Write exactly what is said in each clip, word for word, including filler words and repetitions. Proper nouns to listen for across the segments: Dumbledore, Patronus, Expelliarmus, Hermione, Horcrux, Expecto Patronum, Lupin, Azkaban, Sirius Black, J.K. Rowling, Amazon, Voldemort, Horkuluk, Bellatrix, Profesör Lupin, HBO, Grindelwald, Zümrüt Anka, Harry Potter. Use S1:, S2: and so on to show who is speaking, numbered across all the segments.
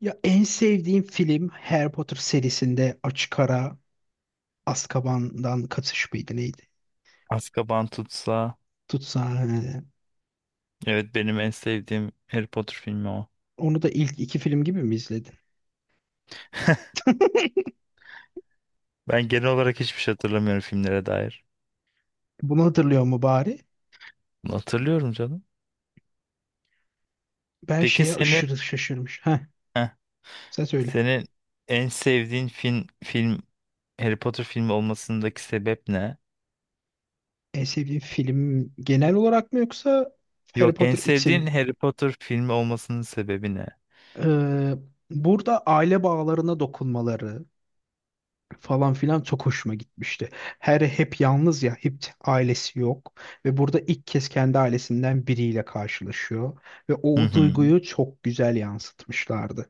S1: Ya en sevdiğim film Harry Potter serisinde açık ara Azkaban'dan Kaçış mıydı neydi?
S2: Azkaban tutsa.
S1: Tutsa.
S2: Evet benim en sevdiğim Harry Potter filmi o.
S1: Onu da ilk iki film gibi mi izledin?
S2: Ben genel olarak hiçbir şey hatırlamıyorum filmlere dair.
S1: Bunu hatırlıyor mu bari?
S2: Bunu hatırlıyorum canım.
S1: Ben
S2: Peki
S1: şeye
S2: senin
S1: aşırı şaşırmış. Heh,
S2: heh,
S1: sen söyle.
S2: senin en sevdiğin film film Harry Potter filmi olmasındaki sebep ne?
S1: En sevdiğin film genel olarak mı yoksa Harry
S2: Yok en
S1: Potter
S2: sevdiğin
S1: için?
S2: Harry Potter filmi olmasının sebebi ne?
S1: Ee, burada aile bağlarına dokunmaları, falan filan çok hoşuma gitmişti. Her hep yalnız ya, hep ailesi yok ve burada ilk kez kendi ailesinden biriyle karşılaşıyor ve
S2: Hı
S1: o
S2: hı.
S1: duyguyu çok güzel yansıtmışlardı.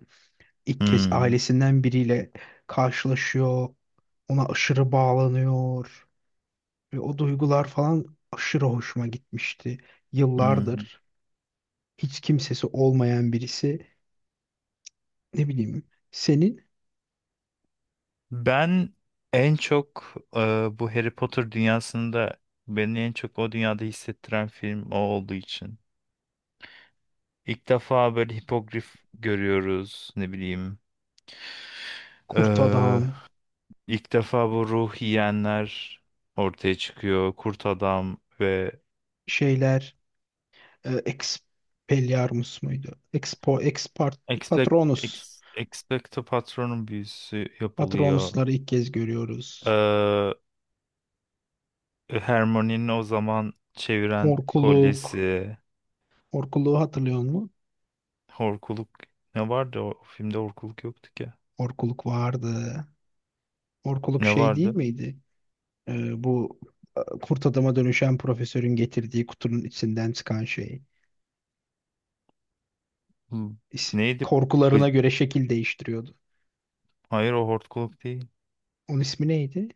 S1: İlk kez
S2: Hmm,
S1: ailesinden biriyle karşılaşıyor, ona aşırı bağlanıyor ve o duygular falan aşırı hoşuma gitmişti.
S2: hmm.
S1: Yıllardır hiç kimsesi olmayan birisi, ne bileyim, senin
S2: Ben en çok e, bu Harry Potter dünyasında beni en çok o dünyada hissettiren film o olduğu için. İlk defa böyle hipogrif görüyoruz ne bileyim.
S1: Kurt
S2: Ee,
S1: Adam
S2: ilk defa bu ruh yiyenler ortaya çıkıyor. Kurt adam ve
S1: şeyler e, Expelliarmus muydu? Expo, Expart,
S2: Expect,
S1: Patronus.
S2: ex, Expecto Patronum büyüsü yapılıyor.
S1: Patronusları ilk kez görüyoruz.
S2: Ee, Hermione'nin o zaman çeviren
S1: Horkuluk.
S2: kolyesi.
S1: Horkuluğu hatırlıyor musun?
S2: Horkuluk ne vardı? O filmde horkuluk yoktu ki.
S1: Horkuluk vardı. Horkuluk
S2: Ne
S1: şey değil
S2: vardı?
S1: miydi? E, bu e, kurt adama dönüşen profesörün getirdiği kutunun içinden çıkan şey.
S2: Hmm,
S1: İs-
S2: neydi? Bı-
S1: Korkularına göre şekil değiştiriyordu.
S2: Hayır o horkuluk değil.
S1: Onun ismi neydi?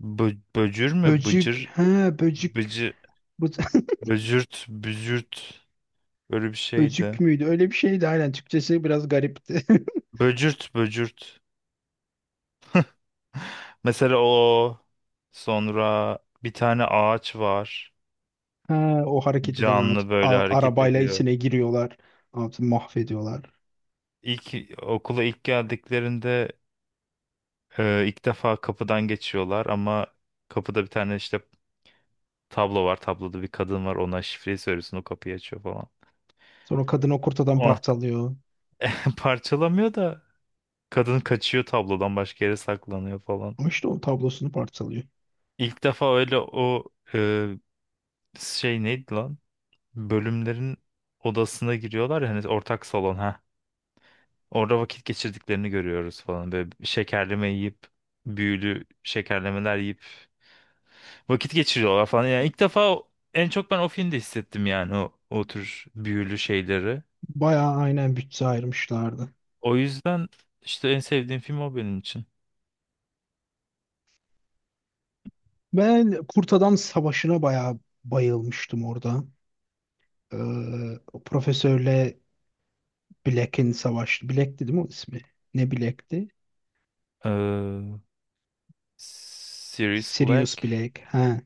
S2: Bı- böcür mü?
S1: Böcük.
S2: Bıcır.
S1: Ha böcük.
S2: Bıcı.
S1: Bu,
S2: Böcürt, bücürt böyle bir
S1: böcük
S2: şeydi.
S1: müydü? Öyle bir şeydi aynen. Türkçesi biraz garipti.
S2: Böcürt, böcürt. Mesela o sonra bir tane ağaç var.
S1: Ha, o hareket eden at,
S2: Canlı böyle
S1: a-
S2: hareket
S1: arabayla
S2: ediyor.
S1: içine giriyorlar. Atı mahvediyorlar.
S2: İlk Okula ilk geldiklerinde e, ilk defa kapıdan geçiyorlar ama kapıda bir tane işte tablo var. Tabloda bir kadın var. Ona şifreyi söylüyorsun, o kapıyı açıyor falan.
S1: Sonra kadın o kurtadan
S2: O
S1: parçalıyor.
S2: parçalamıyor da kadın kaçıyor, tablodan başka yere saklanıyor falan.
S1: Ama işte o tablosunu parçalıyor.
S2: İlk defa öyle o e, şey neydi lan? Bölümlerin odasına giriyorlar ya, hani ortak salon ha. Orada vakit geçirdiklerini görüyoruz falan. Böyle şekerleme yiyip, büyülü şekerlemeler yiyip vakit geçiriyorlar falan. Yani ilk defa o- en çok ben o filmde hissettim yani o, o tür büyülü şeyleri.
S1: Bayağı aynen bütçe ayırmışlardı.
S2: O yüzden işte en sevdiğim film o benim için.
S1: Ben kurt adam savaşına bayağı bayılmıştım orada. Ee, o profesörle Black'in savaşı. Black'ti değil mi o ismi? Ne Black'ti?
S2: Ee, Sirius
S1: Sirius
S2: Black.
S1: Black. Ha.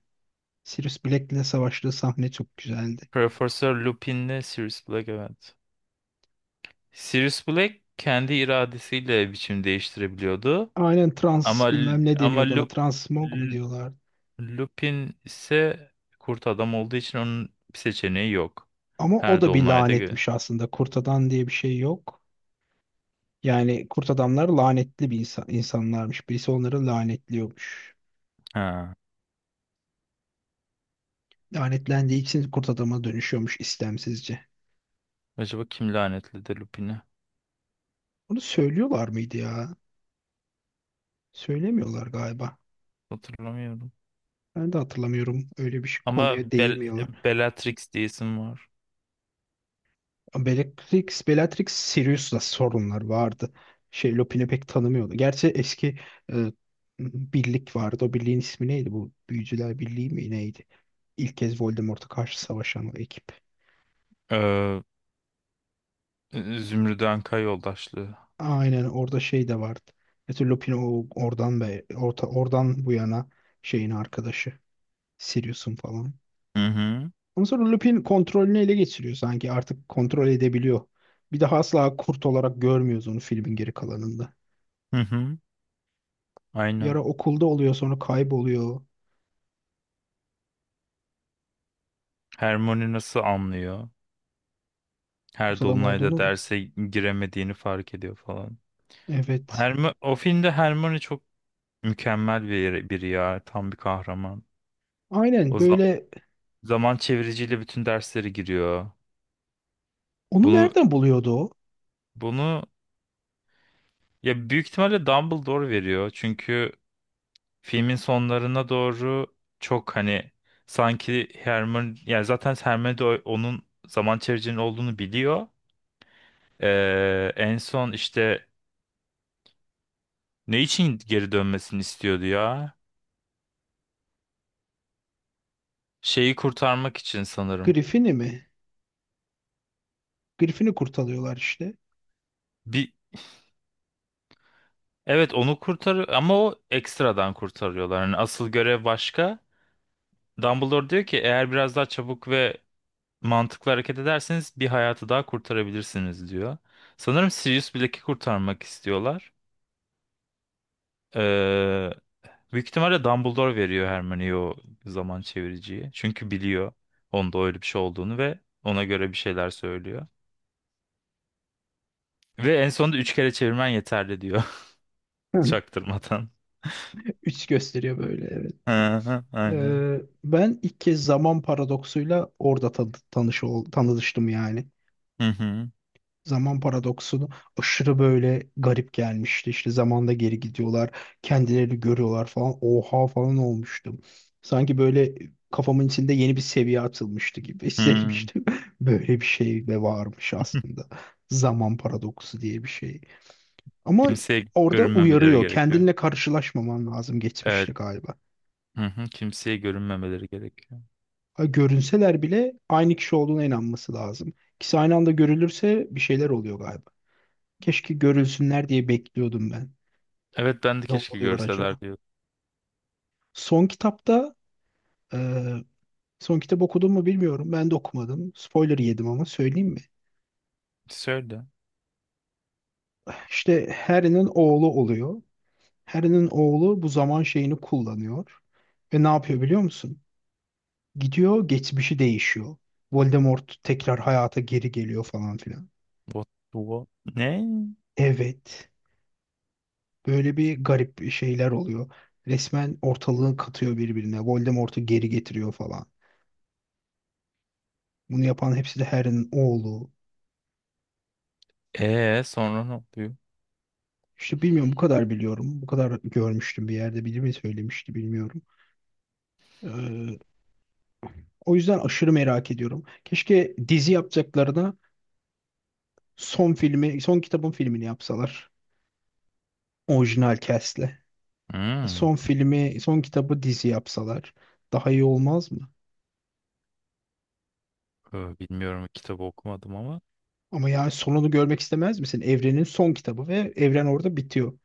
S1: Sirius Black'le savaştığı sahne çok güzeldi.
S2: Profesör Lupin'le Sirius Black, evet. Sirius Black kendi iradesiyle biçim değiştirebiliyordu.
S1: Aynen trans
S2: Ama
S1: bilmem ne
S2: Ama
S1: deniyordu ona.
S2: Lup,
S1: Transmog mu
S2: L-
S1: diyorlar?
S2: Lupin ise kurt adam olduğu için onun bir seçeneği yok.
S1: Ama o
S2: Her
S1: da bir
S2: dolunayda gö-
S1: lanetmiş aslında. Kurt adam diye bir şey yok. Yani kurt adamlar lanetli bir insan, insanlarmış. Birisi onları lanetliyormuş.
S2: Ha.
S1: Lanetlendiği için kurt adama dönüşüyormuş istemsizce.
S2: Acaba kim lanetledi Lupin'i?
S1: Bunu söylüyorlar mıydı ya? Söylemiyorlar galiba.
S2: Hatırlamıyorum.
S1: Ben de hatırlamıyorum. Öyle bir şey,
S2: Ama
S1: konuya
S2: Bel
S1: değmiyorlar.
S2: Bellatrix diye isim var.
S1: Bellatrix, Bellatrix Sirius'la sorunlar vardı. Şey Lupin'i pek tanımıyordu. Gerçi eski e, birlik vardı. O birliğin ismi neydi? Bu Büyücüler Birliği mi neydi? İlk kez Voldemort'a karşı savaşan o ekip.
S2: Ee, Zümrüt Anka yoldaşlığı.
S1: Aynen orada şey de vardı. Mesela Lupin o oradan be orta, oradan bu yana şeyin arkadaşı. Sirius'un falan.
S2: Hı hı.
S1: Ondan sonra Lupin kontrolünü ele geçiriyor sanki. Artık kontrol edebiliyor. Bir daha asla kurt olarak görmüyoruz onu filmin geri kalanında.
S2: Hı hı.
S1: Bir
S2: Aynen.
S1: ara okulda oluyor sonra kayboluyor.
S2: Hermione nasıl anlıyor? Her
S1: Kurt adam
S2: dolunayda
S1: olduğunu mu?
S2: derse giremediğini fark ediyor falan.
S1: Evet.
S2: Herm o filmde Hermione çok mükemmel bir biri ya. Tam bir kahraman.
S1: Aynen
S2: O za-
S1: böyle
S2: Zaman çeviriciyle bütün derslere giriyor.
S1: onu
S2: Bunu
S1: nereden buluyordu o?
S2: bunu ya büyük ihtimalle Dumbledore veriyor. Çünkü filmin sonlarına doğru çok hani sanki Hermione, yani zaten Hermione de o- onun zaman çeviricinin olduğunu biliyor. Ee, en son işte ne için geri dönmesini istiyordu ya? Şeyi kurtarmak için sanırım.
S1: Griffin'i mi? Griffin'i kurtarıyorlar işte.
S2: Bir Evet onu kurtar ama o ekstradan kurtarıyorlar. Yani asıl görev başka. Dumbledore diyor ki eğer biraz daha çabuk ve mantıklı hareket ederseniz bir hayatı daha kurtarabilirsiniz diyor. Sanırım Sirius Black'i kurtarmak istiyorlar. Ee, Büyük ihtimalle Dumbledore veriyor Hermione'ye o zaman çeviriciyi. Çünkü biliyor onda öyle bir şey olduğunu ve ona göre bir şeyler söylüyor. Ve en sonunda üç kere çevirmen yeterli diyor
S1: Hı.
S2: çaktırmadan.
S1: Üç gösteriyor böyle evet.
S2: Hı hı, aynen.
S1: Ee, ben ilk kez zaman paradoksuyla orada tan tanış ol- tanıştım yani.
S2: Hı hı.
S1: Zaman paradoksunu aşırı böyle garip gelmişti. İşte zamanda geri gidiyorlar, kendilerini görüyorlar falan. Oha falan olmuştum. Sanki böyle kafamın içinde yeni bir seviye atılmıştı gibi
S2: Hı.
S1: hissetmiştim. Böyle bir şey de varmış aslında. Zaman paradoksu diye bir şey. Ama
S2: Kimseye
S1: orada
S2: görünmemeleri
S1: uyarıyor.
S2: gerekiyor.
S1: Kendinle karşılaşmaman lazım
S2: Evet.
S1: geçmişte galiba.
S2: Hı hı, kimseye görünmemeleri gerekiyor.
S1: Ha, görünseler bile aynı kişi olduğuna inanması lazım. İkisi aynı anda görülürse bir şeyler oluyor galiba. Keşke görülsünler diye bekliyordum ben.
S2: Evet, ben de keşke
S1: Oluyor acaba?
S2: görseler diyor.
S1: Son kitapta e, son kitap okudun mu bilmiyorum. Ben de okumadım. Spoiler yedim ama söyleyeyim mi?
S2: Söyle.
S1: İşte Harry'nin oğlu oluyor. Harry'nin oğlu bu zaman şeyini kullanıyor. Ve ne yapıyor biliyor musun? Gidiyor geçmişi değişiyor. Voldemort tekrar hayata geri geliyor falan filan.
S2: What, what? Ne?
S1: Evet. Böyle bir garip şeyler oluyor. Resmen ortalığı katıyor birbirine. Voldemort'u geri getiriyor falan. Bunu yapan hepsi de Harry'nin oğlu.
S2: Ee, sonra ne oluyor?
S1: İşte bilmiyorum bu kadar biliyorum. Bu kadar görmüştüm bir yerde biri mi söylemişti bilmiyorum. Ee, o yüzden aşırı merak ediyorum. Keşke dizi yapacaklarına son filmi, son kitabın filmini yapsalar. Orijinal cast'le.
S2: Hmm.
S1: Son filmi, son kitabı dizi yapsalar. Daha iyi olmaz mı?
S2: Ee, Bilmiyorum, kitabı okumadım ama.
S1: Ama yani sonunu görmek istemez misin? Evrenin son kitabı ve evren orada bitiyor.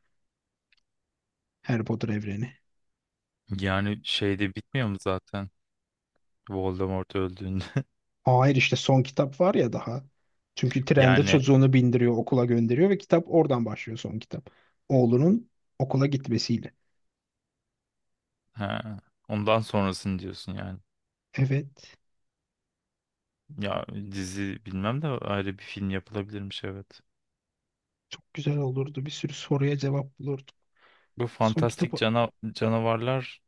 S1: Harry Potter evreni.
S2: Yani şeyde bitmiyor mu zaten? Voldemort öldüğünde.
S1: Hayır işte son kitap var ya daha. Çünkü trende
S2: Yani
S1: çocuğunu bindiriyor, okula gönderiyor ve kitap oradan başlıyor son kitap. Oğlunun okula gitmesiyle.
S2: ha, ondan sonrasını diyorsun yani.
S1: Evet,
S2: Ya dizi bilmem de ayrı bir film yapılabilirmiş, evet.
S1: çok güzel olurdu. Bir sürü soruya cevap bulurduk.
S2: Bu
S1: Son
S2: fantastik
S1: kitabı
S2: cana- canavarlar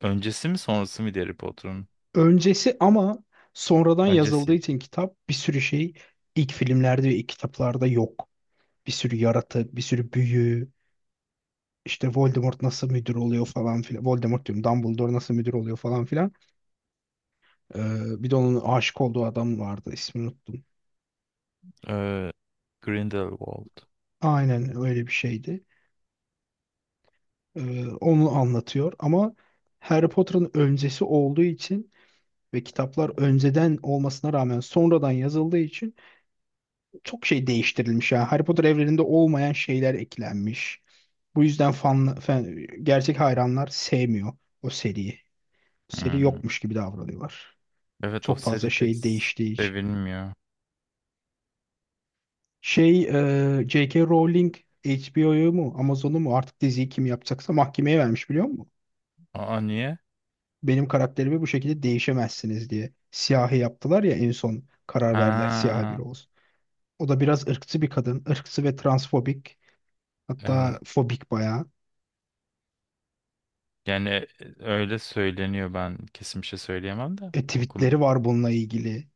S2: öncesi mi sonrası mı Harry Potter'ın?
S1: öncesi ama sonradan yazıldığı
S2: Öncesi.
S1: için kitap bir sürü şey ilk filmlerde ve ilk kitaplarda yok. Bir sürü yaratık, bir sürü büyü, işte Voldemort nasıl müdür oluyor falan filan. Voldemort diyorum, Dumbledore nasıl müdür oluyor falan filan. Ee, bir de onun aşık olduğu adam vardı, ismini unuttum.
S2: e, Grindelwald.
S1: Aynen öyle bir şeydi. Ee, onu anlatıyor ama Harry Potter'ın öncesi olduğu için ve kitaplar önceden olmasına rağmen sonradan yazıldığı için çok şey değiştirilmiş. Yani Harry Potter evreninde olmayan şeyler eklenmiş. Bu yüzden fan, fan- gerçek hayranlar sevmiyor o seriyi. Seri
S2: Hmm.
S1: yokmuş gibi davranıyorlar.
S2: Evet o
S1: Çok fazla
S2: seri pek
S1: şey değiştiği için.
S2: sevilmiyor.
S1: Şey, e, J K. Rowling H B O'yu mu Amazon'u mu artık diziyi kim yapacaksa mahkemeye vermiş biliyor musun?
S2: Aa, niye?
S1: Benim karakterimi bu şekilde değişemezsiniz diye. Siyahi yaptılar ya en son karar verdiler siyahi
S2: Ha,
S1: biri olsun. O da biraz ırkçı bir kadın. Irkçı ve transfobik.
S2: evet.
S1: Hatta fobik bayağı.
S2: Yani e, öyle söyleniyor, ben kesin bir şey söyleyemem de
S1: E,
S2: okum.
S1: tweetleri var bununla ilgili.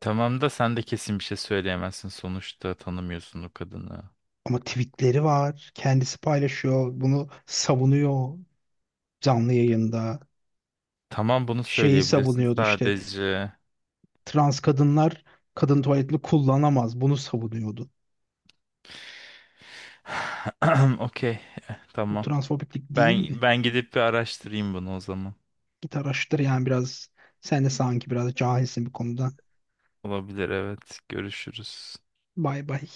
S2: Tamam da sen de kesin bir şey söyleyemezsin sonuçta, tanımıyorsun o kadını.
S1: Ama tweetleri var. Kendisi paylaşıyor. Bunu savunuyor canlı yayında.
S2: Tamam, bunu
S1: Şeyi
S2: söyleyebilirsin
S1: savunuyordu işte.
S2: sadece.
S1: Trans kadınlar kadın tuvaletini kullanamaz. Bunu savunuyordu.
S2: Okey, eh,
S1: Bu
S2: tamam.
S1: transfobiklik değil mi?
S2: Ben ben gidip bir araştırayım bunu o zaman.
S1: Git araştır yani biraz. Sen de sanki biraz cahilsin bir konuda.
S2: Olabilir, evet, görüşürüz.
S1: Bay bay.